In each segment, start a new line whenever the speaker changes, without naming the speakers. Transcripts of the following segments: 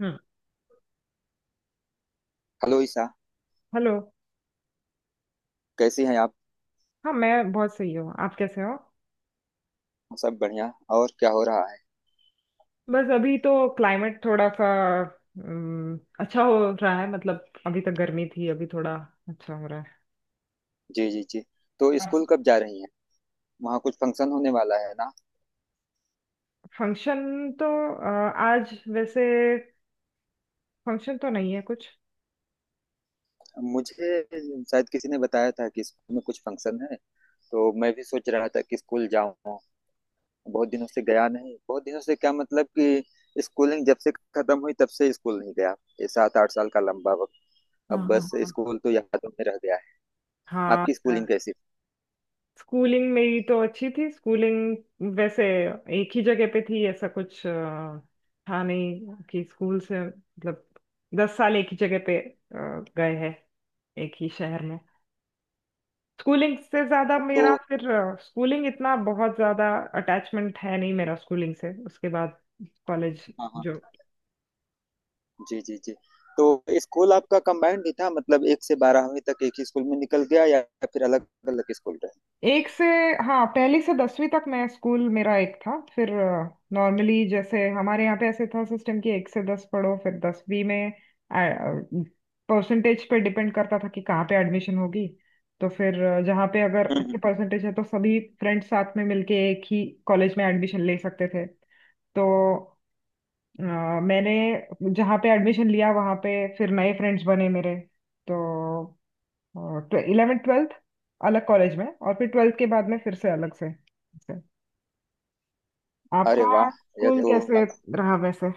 हम्म।
Hello Isha.
Hello.
कैसी हैं आप।
हाँ, मैं बहुत सही हूँ। आप कैसे हो?
सब बढ़िया। और क्या हो रहा है।
बस अभी तो क्लाइमेट थोड़ा सा अच्छा हो रहा है। मतलब अभी तक गर्मी थी, अभी थोड़ा अच्छा हो रहा
जी जी जी। तो
है।
स्कूल कब जा रही हैं। वहाँ कुछ फंक्शन होने वाला है ना।
फंक्शन तो आज वैसे फंक्शन तो नहीं है कुछ।
मुझे शायद किसी ने बताया था कि स्कूल में कुछ फंक्शन है। तो मैं भी सोच रहा था कि स्कूल जाऊँ। बहुत दिनों से गया नहीं, बहुत दिनों से क्या मतलब कि स्कूलिंग जब से खत्म हुई तब से स्कूल नहीं गया। ये 7-8 साल का लंबा वक्त। अब
हाँ,
बस स्कूल तो यादों में रह गया है।
हाँ,
आपकी
हाँ।
स्कूलिंग कैसी।
स्कूलिंग मेरी तो अच्छी थी। स्कूलिंग वैसे एक ही जगह पे थी, ऐसा कुछ था नहीं कि स्कूल से, मतलब 10 साल एक ही जगह पे गए हैं, एक ही शहर में। स्कूलिंग से ज्यादा
तो
मेरा फिर स्कूलिंग इतना बहुत ज्यादा अटैचमेंट है नहीं मेरा स्कूलिंग से। उसके बाद कॉलेज,
हाँ हाँ।
जो
जी, जी, जी। तो स्कूल आपका कंबाइंड ही था, मतलब 1 से 12वीं तक एक ही स्कूल में निकल गया या फिर अलग-अलग स्कूल रहे?
एक से, हाँ, पहली से 10वीं तक मैं स्कूल मेरा एक था। फिर नॉर्मली, जैसे हमारे यहाँ पे ऐसे था सिस्टम कि एक से 10 पढ़ो, फिर 10वीं में परसेंटेज पे डिपेंड करता था कि कहाँ पे एडमिशन होगी। तो फिर जहाँ पे अगर
हम्म हम्म।
अच्छे परसेंटेज है तो सभी फ्रेंड्स साथ में मिलके एक ही कॉलेज में एडमिशन ले सकते थे। तो अ, मैंने जहाँ पे एडमिशन लिया वहाँ पे फिर नए फ्रेंड्स बने मेरे। तो इलेवेंथ ट्वेल्थ अलग कॉलेज में, और फिर ट्वेल्थ के बाद में फिर से अलग से।
अरे
आपका
वाह! यह
स्कूल ये तो
तो
कैसे
काफ़ी।
रहा वैसे?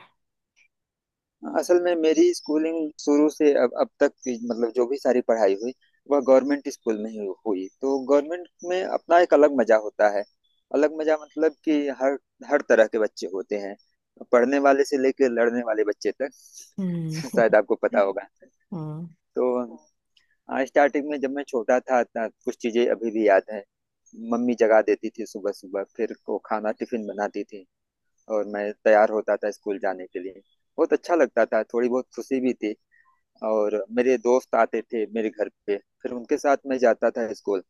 असल में मेरी स्कूलिंग शुरू से अब तक की, मतलब जो भी सारी पढ़ाई हुई, वह गवर्नमेंट स्कूल में ही हुई। तो गवर्नमेंट में अपना एक अलग मज़ा होता है। अलग मज़ा मतलब कि हर हर तरह के बच्चे होते हैं। पढ़ने वाले से लेके लड़ने वाले बच्चे तक।
हम्म।
शायद आपको पता होगा।
हम्म,
तो हाँ, स्टार्टिंग में जब मैं छोटा था ना, कुछ चीजें अभी भी याद हैं। मम्मी जगा देती थी सुबह सुबह, फिर वो खाना टिफिन बनाती थी और मैं तैयार होता था स्कूल जाने के लिए। बहुत अच्छा लगता था, थोड़ी बहुत खुशी भी थी, और मेरे दोस्त आते थे मेरे घर पे, फिर उनके साथ मैं जाता था स्कूल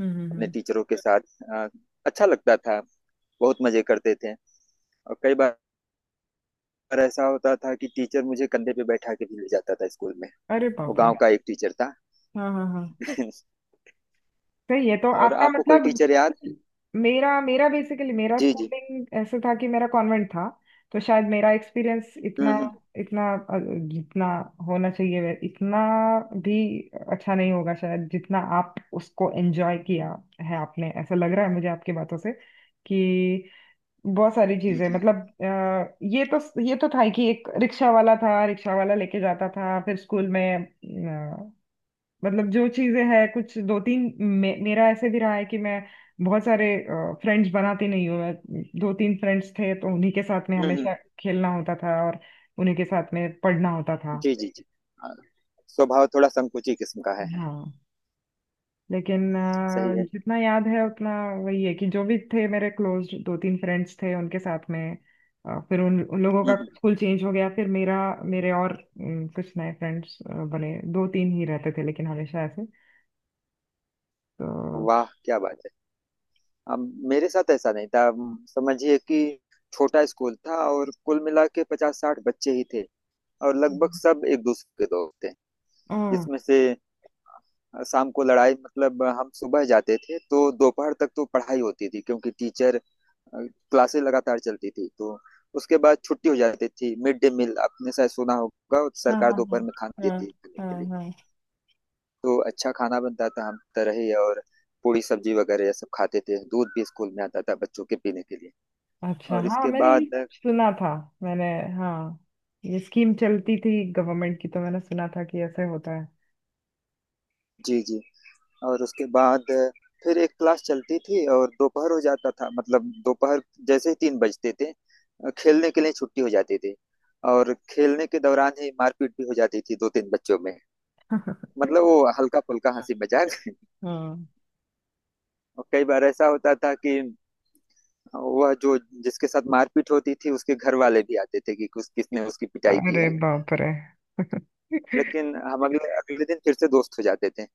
हम्म,
अपने टीचरों के साथ। अ, अच्छा लगता था, बहुत मजे करते थे। और कई बार ऐसा होता था कि टीचर मुझे कंधे पे बैठा के भी ले जाता था स्कूल में।
अरे
वो
बाप रे!
गांव का एक टीचर था।
हाँ, हाँ, हाँ। सही है, तो
और
आपका
आपको कोई
मतलब।
टीचर याद।
मेरा मेरा बेसिकली, मेरा
जी जी।
स्कूलिंग ऐसे था कि मेरा कॉन्वेंट था। तो शायद मेरा एक्सपीरियंस
हम्म
इतना
हम्म।
इतना अ, जितना होना चाहिए इतना भी अच्छा नहीं होगा शायद, जितना आप उसको एंजॉय किया है आपने। ऐसा लग रहा है मुझे आपकी बातों से कि बहुत सारी
जी
चीजें
जी।
मतलब ये तो था ही कि एक रिक्शा वाला था, रिक्शा वाला लेके जाता था फिर स्कूल में। मतलब जो चीजें हैं, कुछ दो तीन मेरा ऐसे भी रहा है कि मैं बहुत सारे फ्रेंड्स बनाती नहीं हूँ। मैं दो तीन फ्रेंड्स थे तो उन्हीं के साथ में
हम्म हम्म,
हमेशा खेलना होता था और उन्हीं के साथ में पढ़ना होता था।
जी जी जी। हाँ, स्वभाव थोड़ा संकुची किस्म का है।
हाँ, लेकिन
सही है।
जितना याद है उतना वही है कि जो भी थे मेरे क्लोज दो तीन फ्रेंड्स थे, उनके साथ में फिर उन उन लोगों का
हम्म।
स्कूल चेंज हो गया। फिर मेरा, मेरे और कुछ नए फ्रेंड्स बने, दो तीन ही रहते थे लेकिन हमेशा ऐसे।
वाह क्या बात है। अब मेरे साथ ऐसा नहीं था, समझिए कि छोटा स्कूल था और कुल मिला के 50-60 बच्चे ही थे, और लगभग सब एक दूसरे के दोस्त थे।
तो
जिसमें से शाम को लड़ाई, मतलब हम सुबह जाते थे तो दोपहर तक तो पढ़ाई होती थी क्योंकि टीचर क्लासेस लगातार चलती थी। तो उसके बाद छुट्टी हो जाती थी। मिड डे मील, आपने शायद सुना होगा,
हाँ,
सरकार
हाँ, हाँ,
दोपहर में खाना
हाँ,
देती है खाने के
हाँ,
लिए।
हाँ।
तो अच्छा खाना बनता था हम तरह ही, और पूरी सब्जी वगैरह ये सब खाते थे। दूध भी स्कूल में आता था बच्चों के पीने के लिए।
अच्छा,
और
हाँ,
इसके
मैंने ये
बाद,
सुना था। मैंने, हाँ, ये स्कीम चलती थी गवर्नमेंट की, तो मैंने सुना था कि ऐसे होता है।
जी जी, और उसके बाद फिर एक क्लास चलती थी और दोपहर हो जाता था, मतलब दोपहर जैसे ही 3 बजते थे, खेलने के लिए छुट्टी हो जाती थी। और खेलने के दौरान ही मारपीट भी हो जाती थी 2-3 बच्चों में। मतलब वो हल्का फुल्का हंसी मजाक।
हाँ।
और कई बार ऐसा होता था कि वह जो, जिसके साथ मारपीट होती थी उसके घर वाले भी आते थे कि कुछ किसने उसकी पिटाई की
अरे
है।
बाप रे!
लेकिन हम अगले अगले दिन फिर से दोस्त हो जाते थे।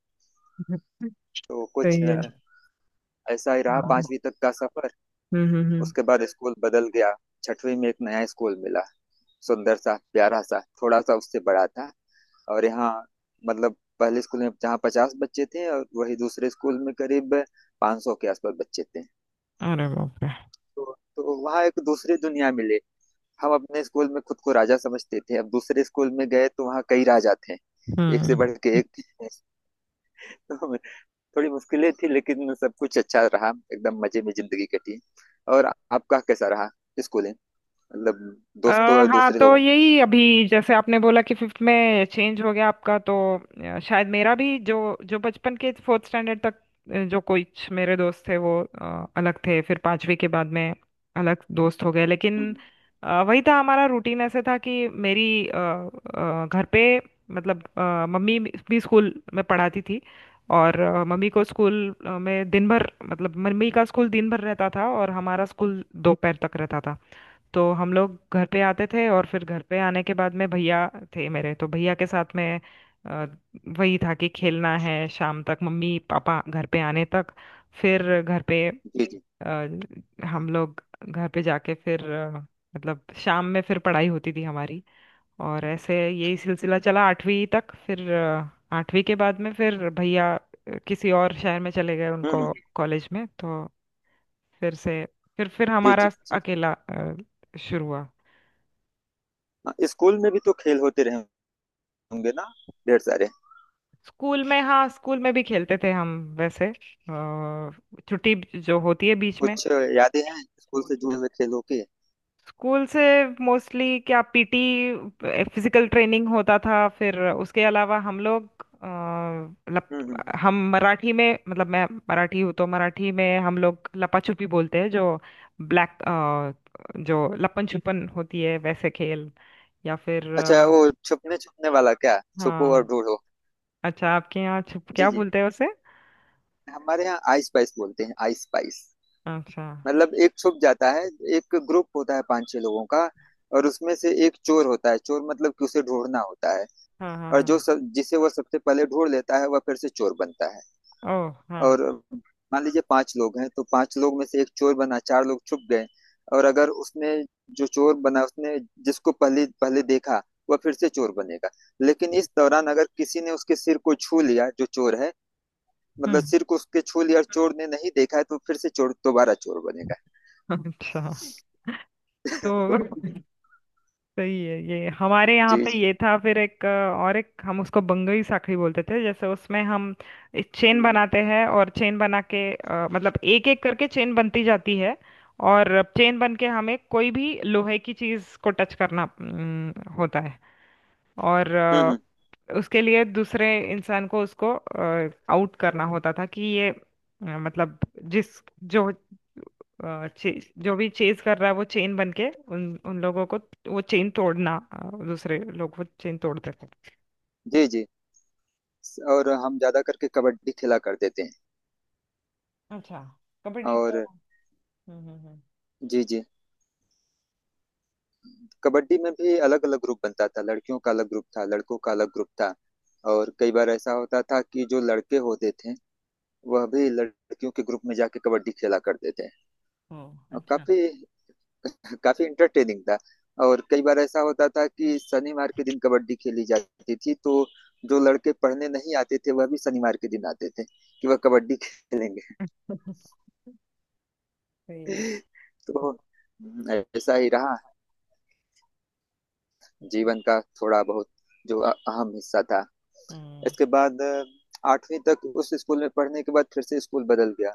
तो कुछ
सही है।
ऐसा ही रहा
हाँ, हम्म,
5वीं तक का सफर।
हम्म, हम्म।
उसके बाद स्कूल बदल गया। 6वीं में एक नया स्कूल मिला, सुंदर सा प्यारा सा, थोड़ा सा उससे बड़ा था। और यहाँ मतलब पहले स्कूल में जहाँ 50 बच्चे थे, और वही दूसरे स्कूल में करीब 500 के आसपास बच्चे थे।
अरे बाप रे!
तो वहाँ एक दूसरी दुनिया मिले। हम अपने स्कूल में खुद को राजा समझते थे, अब दूसरे स्कूल में गए तो वहाँ कई राजा थे, एक से
हम्म।
बढ़ के एक। तो थोड़ी मुश्किलें थी लेकिन सब कुछ अच्छा रहा, एकदम मजे में जिंदगी कटी। और आपका कैसा रहा स्कूल, मतलब
अ,
दोस्तों और
हाँ,
दूसरे
तो
लोगों।
यही अभी जैसे आपने बोला कि फिफ्थ में चेंज हो गया आपका। तो शायद मेरा भी जो जो बचपन के फोर्थ स्टैंडर्ड तक जो कुछ मेरे दोस्त थे वो अलग थे, फिर पांचवी के बाद में अलग दोस्त हो गए। लेकिन
हम्म,
वही था हमारा रूटीन, ऐसे था कि मेरी घर पे, मतलब मम्मी भी स्कूल में पढ़ाती थी। और मम्मी को स्कूल में दिन भर, मतलब मम्मी का स्कूल दिन भर रहता था और हमारा स्कूल दोपहर तक रहता था। तो हम लोग घर पे आते थे और फिर घर पे आने के बाद में भैया थे मेरे, तो भैया के साथ में अ, वही था कि खेलना है शाम तक, मम्मी पापा घर पे आने तक। फिर घर पे
जी जी।
अ, हम लोग घर पे जाके फिर मतलब शाम में फिर पढ़ाई होती थी हमारी। और ऐसे यही सिलसिला चला आठवीं तक। फिर आठवीं के बाद में फिर भैया किसी और शहर में चले गए,
हम्म, हम्म,
उनको कॉलेज में। तो फिर से फिर
जी
हमारा
जी जी।
अकेला शुरू हुआ।
हाँ, स्कूल में भी तो खेल होते रहे होंगे ना, ढेर सारे।
स्कूल में, हाँ, स्कूल में भी खेलते थे हम। वैसे छुट्टी जो होती है बीच में
कुछ यादें हैं स्कूल से जुड़े हुए खेलों की।
स्कूल से, मोस्टली क्या, पीटी, फिजिकल ट्रेनिंग होता था। फिर उसके अलावा हम लोग अ, लप,
हम्म।
हम मराठी में, मतलब मैं मराठी हूँ, तो मराठी में हम लोग लपा छुपी बोलते हैं, जो ब्लैक जो लपन छुपन होती है, वैसे खेल, या फिर
अच्छा, वो छुपने छुपने वाला, क्या छुपो और
हाँ।
ढूंढो।
अच्छा, आपके यहाँ छुप
जी
क्या
जी,
बोलते हैं उसे?
हमारे यहाँ आइस पाइस बोलते हैं, आइस पाइस।
अच्छा।
मतलब एक छुप जाता है, एक ग्रुप होता है 5-6 लोगों का, और उसमें से एक चोर होता है, चोर मतलब कि उसे ढूंढना होता है।
हाँ, हाँ,
और जो
हाँ।
सब जिसे वो सबसे पहले ढूंढ लेता है, वह फिर से चोर बनता है।
ओ, हाँ,
और मान लीजिए 5 लोग हैं तो 5 लोग में से एक चोर बना, 4 लोग छुप गए। और अगर उसने, जो चोर बना उसने, जिसको पहले पहले देखा, वह फिर से चोर बनेगा। लेकिन इस दौरान अगर किसी ने उसके सिर को छू लिया जो चोर है, मतलब
हम्म।
सिर को उसके छू लिया और चोर ने नहीं देखा है, तो फिर से चोर दोबारा चोर बनेगा।
अच्छा। तो
तो
सही है, ये हमारे यहाँ
जी
पे
जी।
ये था। फिर एक और एक, हम उसको बंगई साखड़ी बोलते थे। जैसे उसमें हम चेन
हम्म
बनाते हैं, और चेन बना के मतलब एक एक करके चेन बनती जाती है। और चेन बन के हमें कोई भी लोहे की चीज को टच करना होता है। और
हम्म हम्म,
उसके लिए दूसरे इंसान को उसको आउट करना होता था कि ये मतलब जिस जो जो भी चेज कर रहा है वो चेन बन के उन उन लोगों को, वो चेन तोड़ना दूसरे लोग वो चेन तोड़ते थे।
जी जी, और हम ज्यादा करके कबड्डी खेला करते थे।
अच्छा। कबड्डी
और
तो? हम्म, हम्म,
जी जी, कबड्डी में भी अलग अलग ग्रुप बनता था, लड़कियों का अलग ग्रुप था, लड़कों का अलग ग्रुप था। और कई बार ऐसा होता था कि जो लड़के होते थे वह भी लड़कियों के ग्रुप में जाके कबड्डी खेला करते थे।
हम्म। ओ,
और
अच्छा।
काफी काफी इंटरटेनिंग था। और कई बार ऐसा होता था कि शनिवार के दिन कबड्डी खेली जाती थी तो जो लड़के पढ़ने नहीं आते थे, वह भी शनिवार के दिन आते थे कि वह कबड्डी खेलेंगे।
सही है।
तो ऐसा ही रहा जीवन का थोड़ा बहुत जो अहम हिस्सा था।
हम्म।
इसके बाद 8वीं तक उस स्कूल में पढ़ने के बाद फिर से स्कूल बदल गया।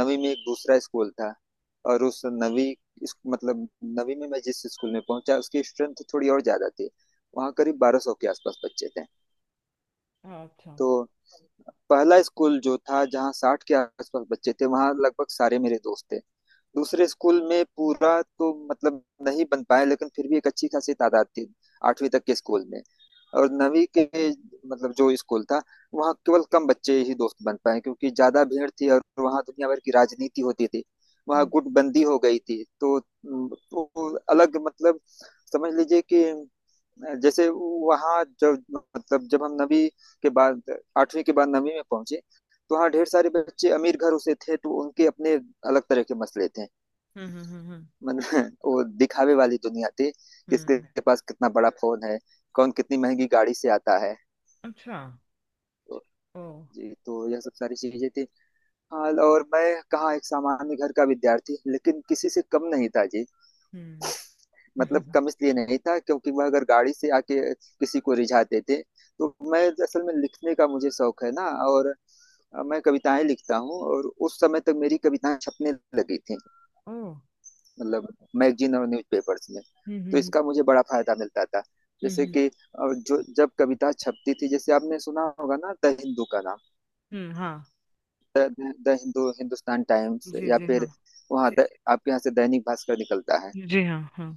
9वीं में एक दूसरा स्कूल था और उस 9वीं मतलब 9वीं में मैं जिस स्कूल में पहुंचा, उसकी स्ट्रेंथ थोड़ी और ज्यादा थी। वहाँ करीब 1200 के आसपास बच्चे थे।
अच्छा,
तो पहला स्कूल जो था जहाँ 60 के आसपास बच्चे थे, वहाँ लगभग सारे मेरे दोस्त थे। दूसरे स्कूल में पूरा तो मतलब नहीं बन पाया, लेकिन फिर भी एक अच्छी खासी तादाद थी 8वीं तक के स्कूल में। और 9वीं के मतलब जो स्कूल था, वहाँ केवल कम बच्चे ही दोस्त बन पाए क्योंकि ज्यादा भीड़ थी और वहाँ दुनिया भर की राजनीति होती थी। वहाँ
हम्म,
गुटबंदी हो गई थी, तो अलग मतलब, समझ लीजिए कि जैसे वहाँ जब, मतलब जब हम 9वीं के बाद, 8वीं के बाद 9वीं में पहुंचे, तो वहाँ ढेर सारे बच्चे अमीर घरों से थे तो उनके अपने अलग तरह के मसले थे।
हम्म, हम्म, हम्म,
मतलब वो दिखावे वाली दुनिया थी,
हम्म।
किसके पास कितना बड़ा फोन है, कौन कितनी महंगी गाड़ी से आता है।
अच्छा।
तो
ओ,
जी, तो यह सब सारी चीजें थी। हाल और मैं कहाँ, एक सामान्य घर का विद्यार्थी, लेकिन किसी से कम नहीं था जी।
हम्म।
मतलब कम इसलिए नहीं था क्योंकि वह अगर गाड़ी से आके किसी को रिझाते थे, तो मैं असल में लिखने का मुझे शौक है ना। और मैं कविताएं लिखता हूँ और उस समय तक मेरी कविताएं छपने लगी थी।
ओ,
मतलब मैगजीन और न्यूज़पेपर्स में।
हम्म, हम्म,
तो
हम्म,
इसका मुझे बड़ा फायदा मिलता था। जैसे
हम्म,
कि जो जब कविता छपती थी, जैसे आपने सुना होगा ना द हिंदू का नाम,
हम्म। हाँ,
the, the Hindu, Hindustan times
जी,
या
जी, हाँ,
फिर वहाँ आपके यहाँ से दैनिक भास्कर निकलता है।
जी, हाँ, हाँ।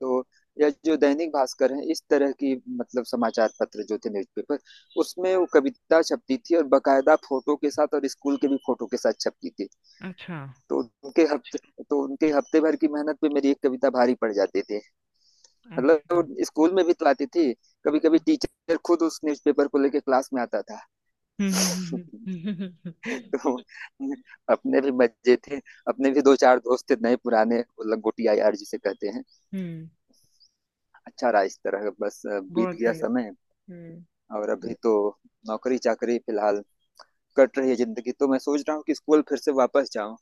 तो या जो दैनिक भास्कर है, इस तरह की मतलब समाचार पत्र जो थे, न्यूज़पेपर, उसमें वो कविता छपती थी और बकायदा फोटो के साथ और स्कूल के भी फोटो के साथ छपती थी।
अच्छा।
तो उनके हफ्ते तो उनके हफ्ते भर की मेहनत पे मेरी एक कविता भारी पड़ जाती थी। मतलब
अच्छा,
वो स्कूल में भी तो आती थी, कभी कभी टीचर खुद उस न्यूज़पेपर को लेके क्लास में आता था।
हम्म, हम्म, हम्म, हम्म,
तो अपने भी मजे थे, अपने भी 2-4 दोस्त थे नए पुराने, वो लंगोटिया यार जिसे कहते हैं।
हम्म।
अच्छा रहा इस तरह, बस बीत
बहुत
गया
सही।
समय।
हम्म,
और अभी तो नौकरी चाकरी फिलहाल, कट रही है जिंदगी, तो मैं सोच रहा हूँ कि स्कूल फिर से वापस जाऊँ,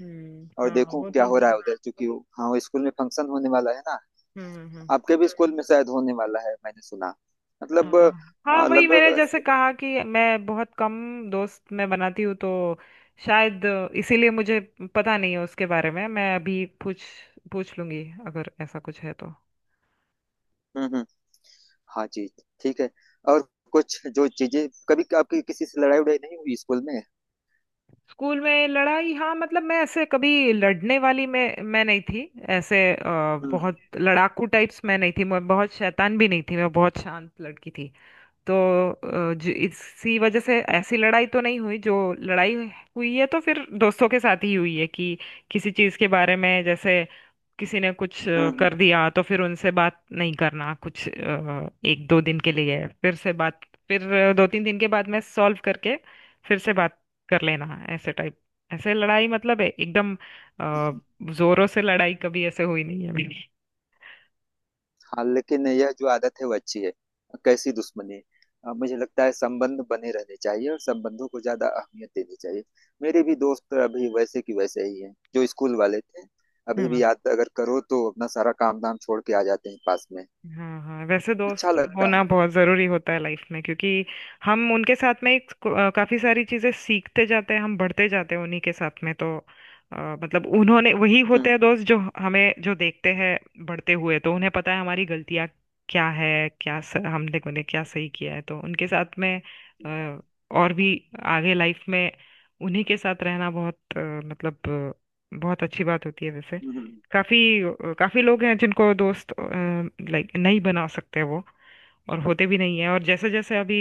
हम्म।
और
हाँ,
देखूँ
वो
क्या
तो।
हो रहा है उधर, क्योंकि हाँ स्कूल में फंक्शन होने वाला है ना।
हम्म, हम्म।
आपके भी स्कूल में शायद होने वाला है, मैंने सुना, मतलब
हाँ, हाँ, वही
लगभग।
मैंने जैसे कहा कि मैं बहुत कम दोस्त मैं बनाती हूँ, तो शायद इसीलिए मुझे पता नहीं है उसके बारे में। मैं अभी पूछ पूछ लूंगी अगर ऐसा कुछ है तो।
हम्म, हाँ जी, ठीक है। और कुछ जो चीजें, कभी आपकी किसी से लड़ाई उड़ाई नहीं हुई स्कूल में।
स्कूल में लड़ाई? हाँ, मतलब मैं ऐसे कभी लड़ने वाली मैं नहीं थी। ऐसे
हम्म
बहुत लड़ाकू टाइप्स मैं नहीं थी, मैं बहुत शैतान भी नहीं थी, मैं बहुत शांत लड़की थी। तो इसी वजह से ऐसी लड़ाई तो नहीं हुई। जो लड़ाई हुई है तो फिर दोस्तों के साथ ही हुई है कि किसी चीज के बारे में, जैसे किसी ने कुछ
हम्म हम्म।
कर दिया तो फिर उनसे बात नहीं करना कुछ एक दो दिन के लिए, फिर से बात। फिर दो तीन दिन के बाद में सॉल्व करके फिर से बात कर लेना, ऐसे टाइप। ऐसे लड़ाई मतलब है एकदम जोरों से, लड़ाई कभी ऐसे हुई नहीं है
हाँ, लेकिन यह जो आदत है वो अच्छी है। कैसी दुश्मनी। मुझे लगता है संबंध बने रहने चाहिए और संबंधों को ज्यादा अहमियत देनी चाहिए। मेरे भी दोस्त अभी वैसे की वैसे ही हैं जो स्कूल वाले थे। अभी भी
मेरी।
याद अगर करो तो अपना सारा काम धाम छोड़ के आ जाते हैं पास में,
हाँ, हाँ, वैसे
अच्छा
दोस्त
लगता
होना
है।
बहुत ज़रूरी होता है लाइफ में, क्योंकि हम उनके साथ में एक काफ़ी सारी चीज़ें सीखते जाते हैं, हम बढ़ते जाते हैं उन्हीं के साथ में। तो अ, मतलब उन्होंने, वही होते
हम्म,
हैं दोस्त जो हमें जो देखते हैं बढ़ते हुए, तो उन्हें पता है हमारी गलतियाँ क्या है, हमने मैंने क्या सही किया है। तो उनके साथ में अ, और भी आगे लाइफ में उन्हीं के साथ रहना बहुत मतलब बहुत अच्छी बात होती है वैसे।
हम्म, हम्म।
काफी, काफी लोग हैं जिनको दोस्त लाइक नहीं बना सकते, वो और होते भी नहीं है। और जैसे जैसे अभी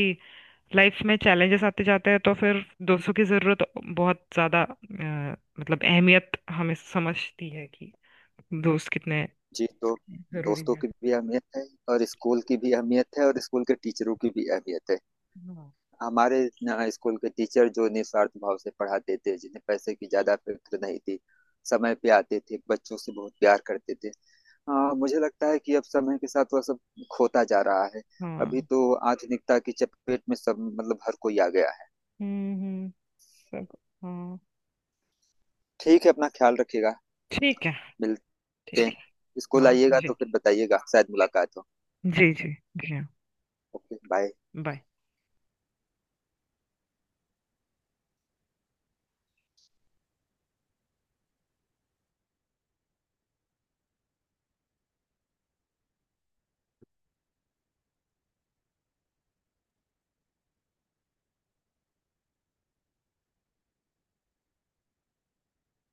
लाइफ में चैलेंजेस आते जाते हैं, तो फिर दोस्तों की जरूरत बहुत ज्यादा, मतलब अहमियत हमें समझती है कि दोस्त कितने
जी, तो
जरूरी
दोस्तों
है।
की भी अहमियत है और स्कूल की भी अहमियत है और स्कूल के टीचरों की भी अहमियत है।
हाँ,
हमारे स्कूल के टीचर जो निस्वार्थ भाव से पढ़ाते थे, जिन्हें पैसे की ज्यादा फिक्र नहीं थी, समय पे आते थे, बच्चों से बहुत प्यार करते थे। हाँ मुझे लगता है कि अब समय के साथ वह सब खोता जा रहा है। अभी
हाँ,
तो आधुनिकता की चपेट में सब, मतलब हर कोई आ गया है।
हम्म, सब। हाँ,
ठीक है, अपना ख्याल रखिएगा,
ठीक है।
मिलते हैं।
ठीक है।
स्कूल
हाँ,
आइएगा
जी,
तो फिर बताइएगा, शायद मुलाकात हो।
जी, जी, जी, हाँ।
Okay bye.
बाय।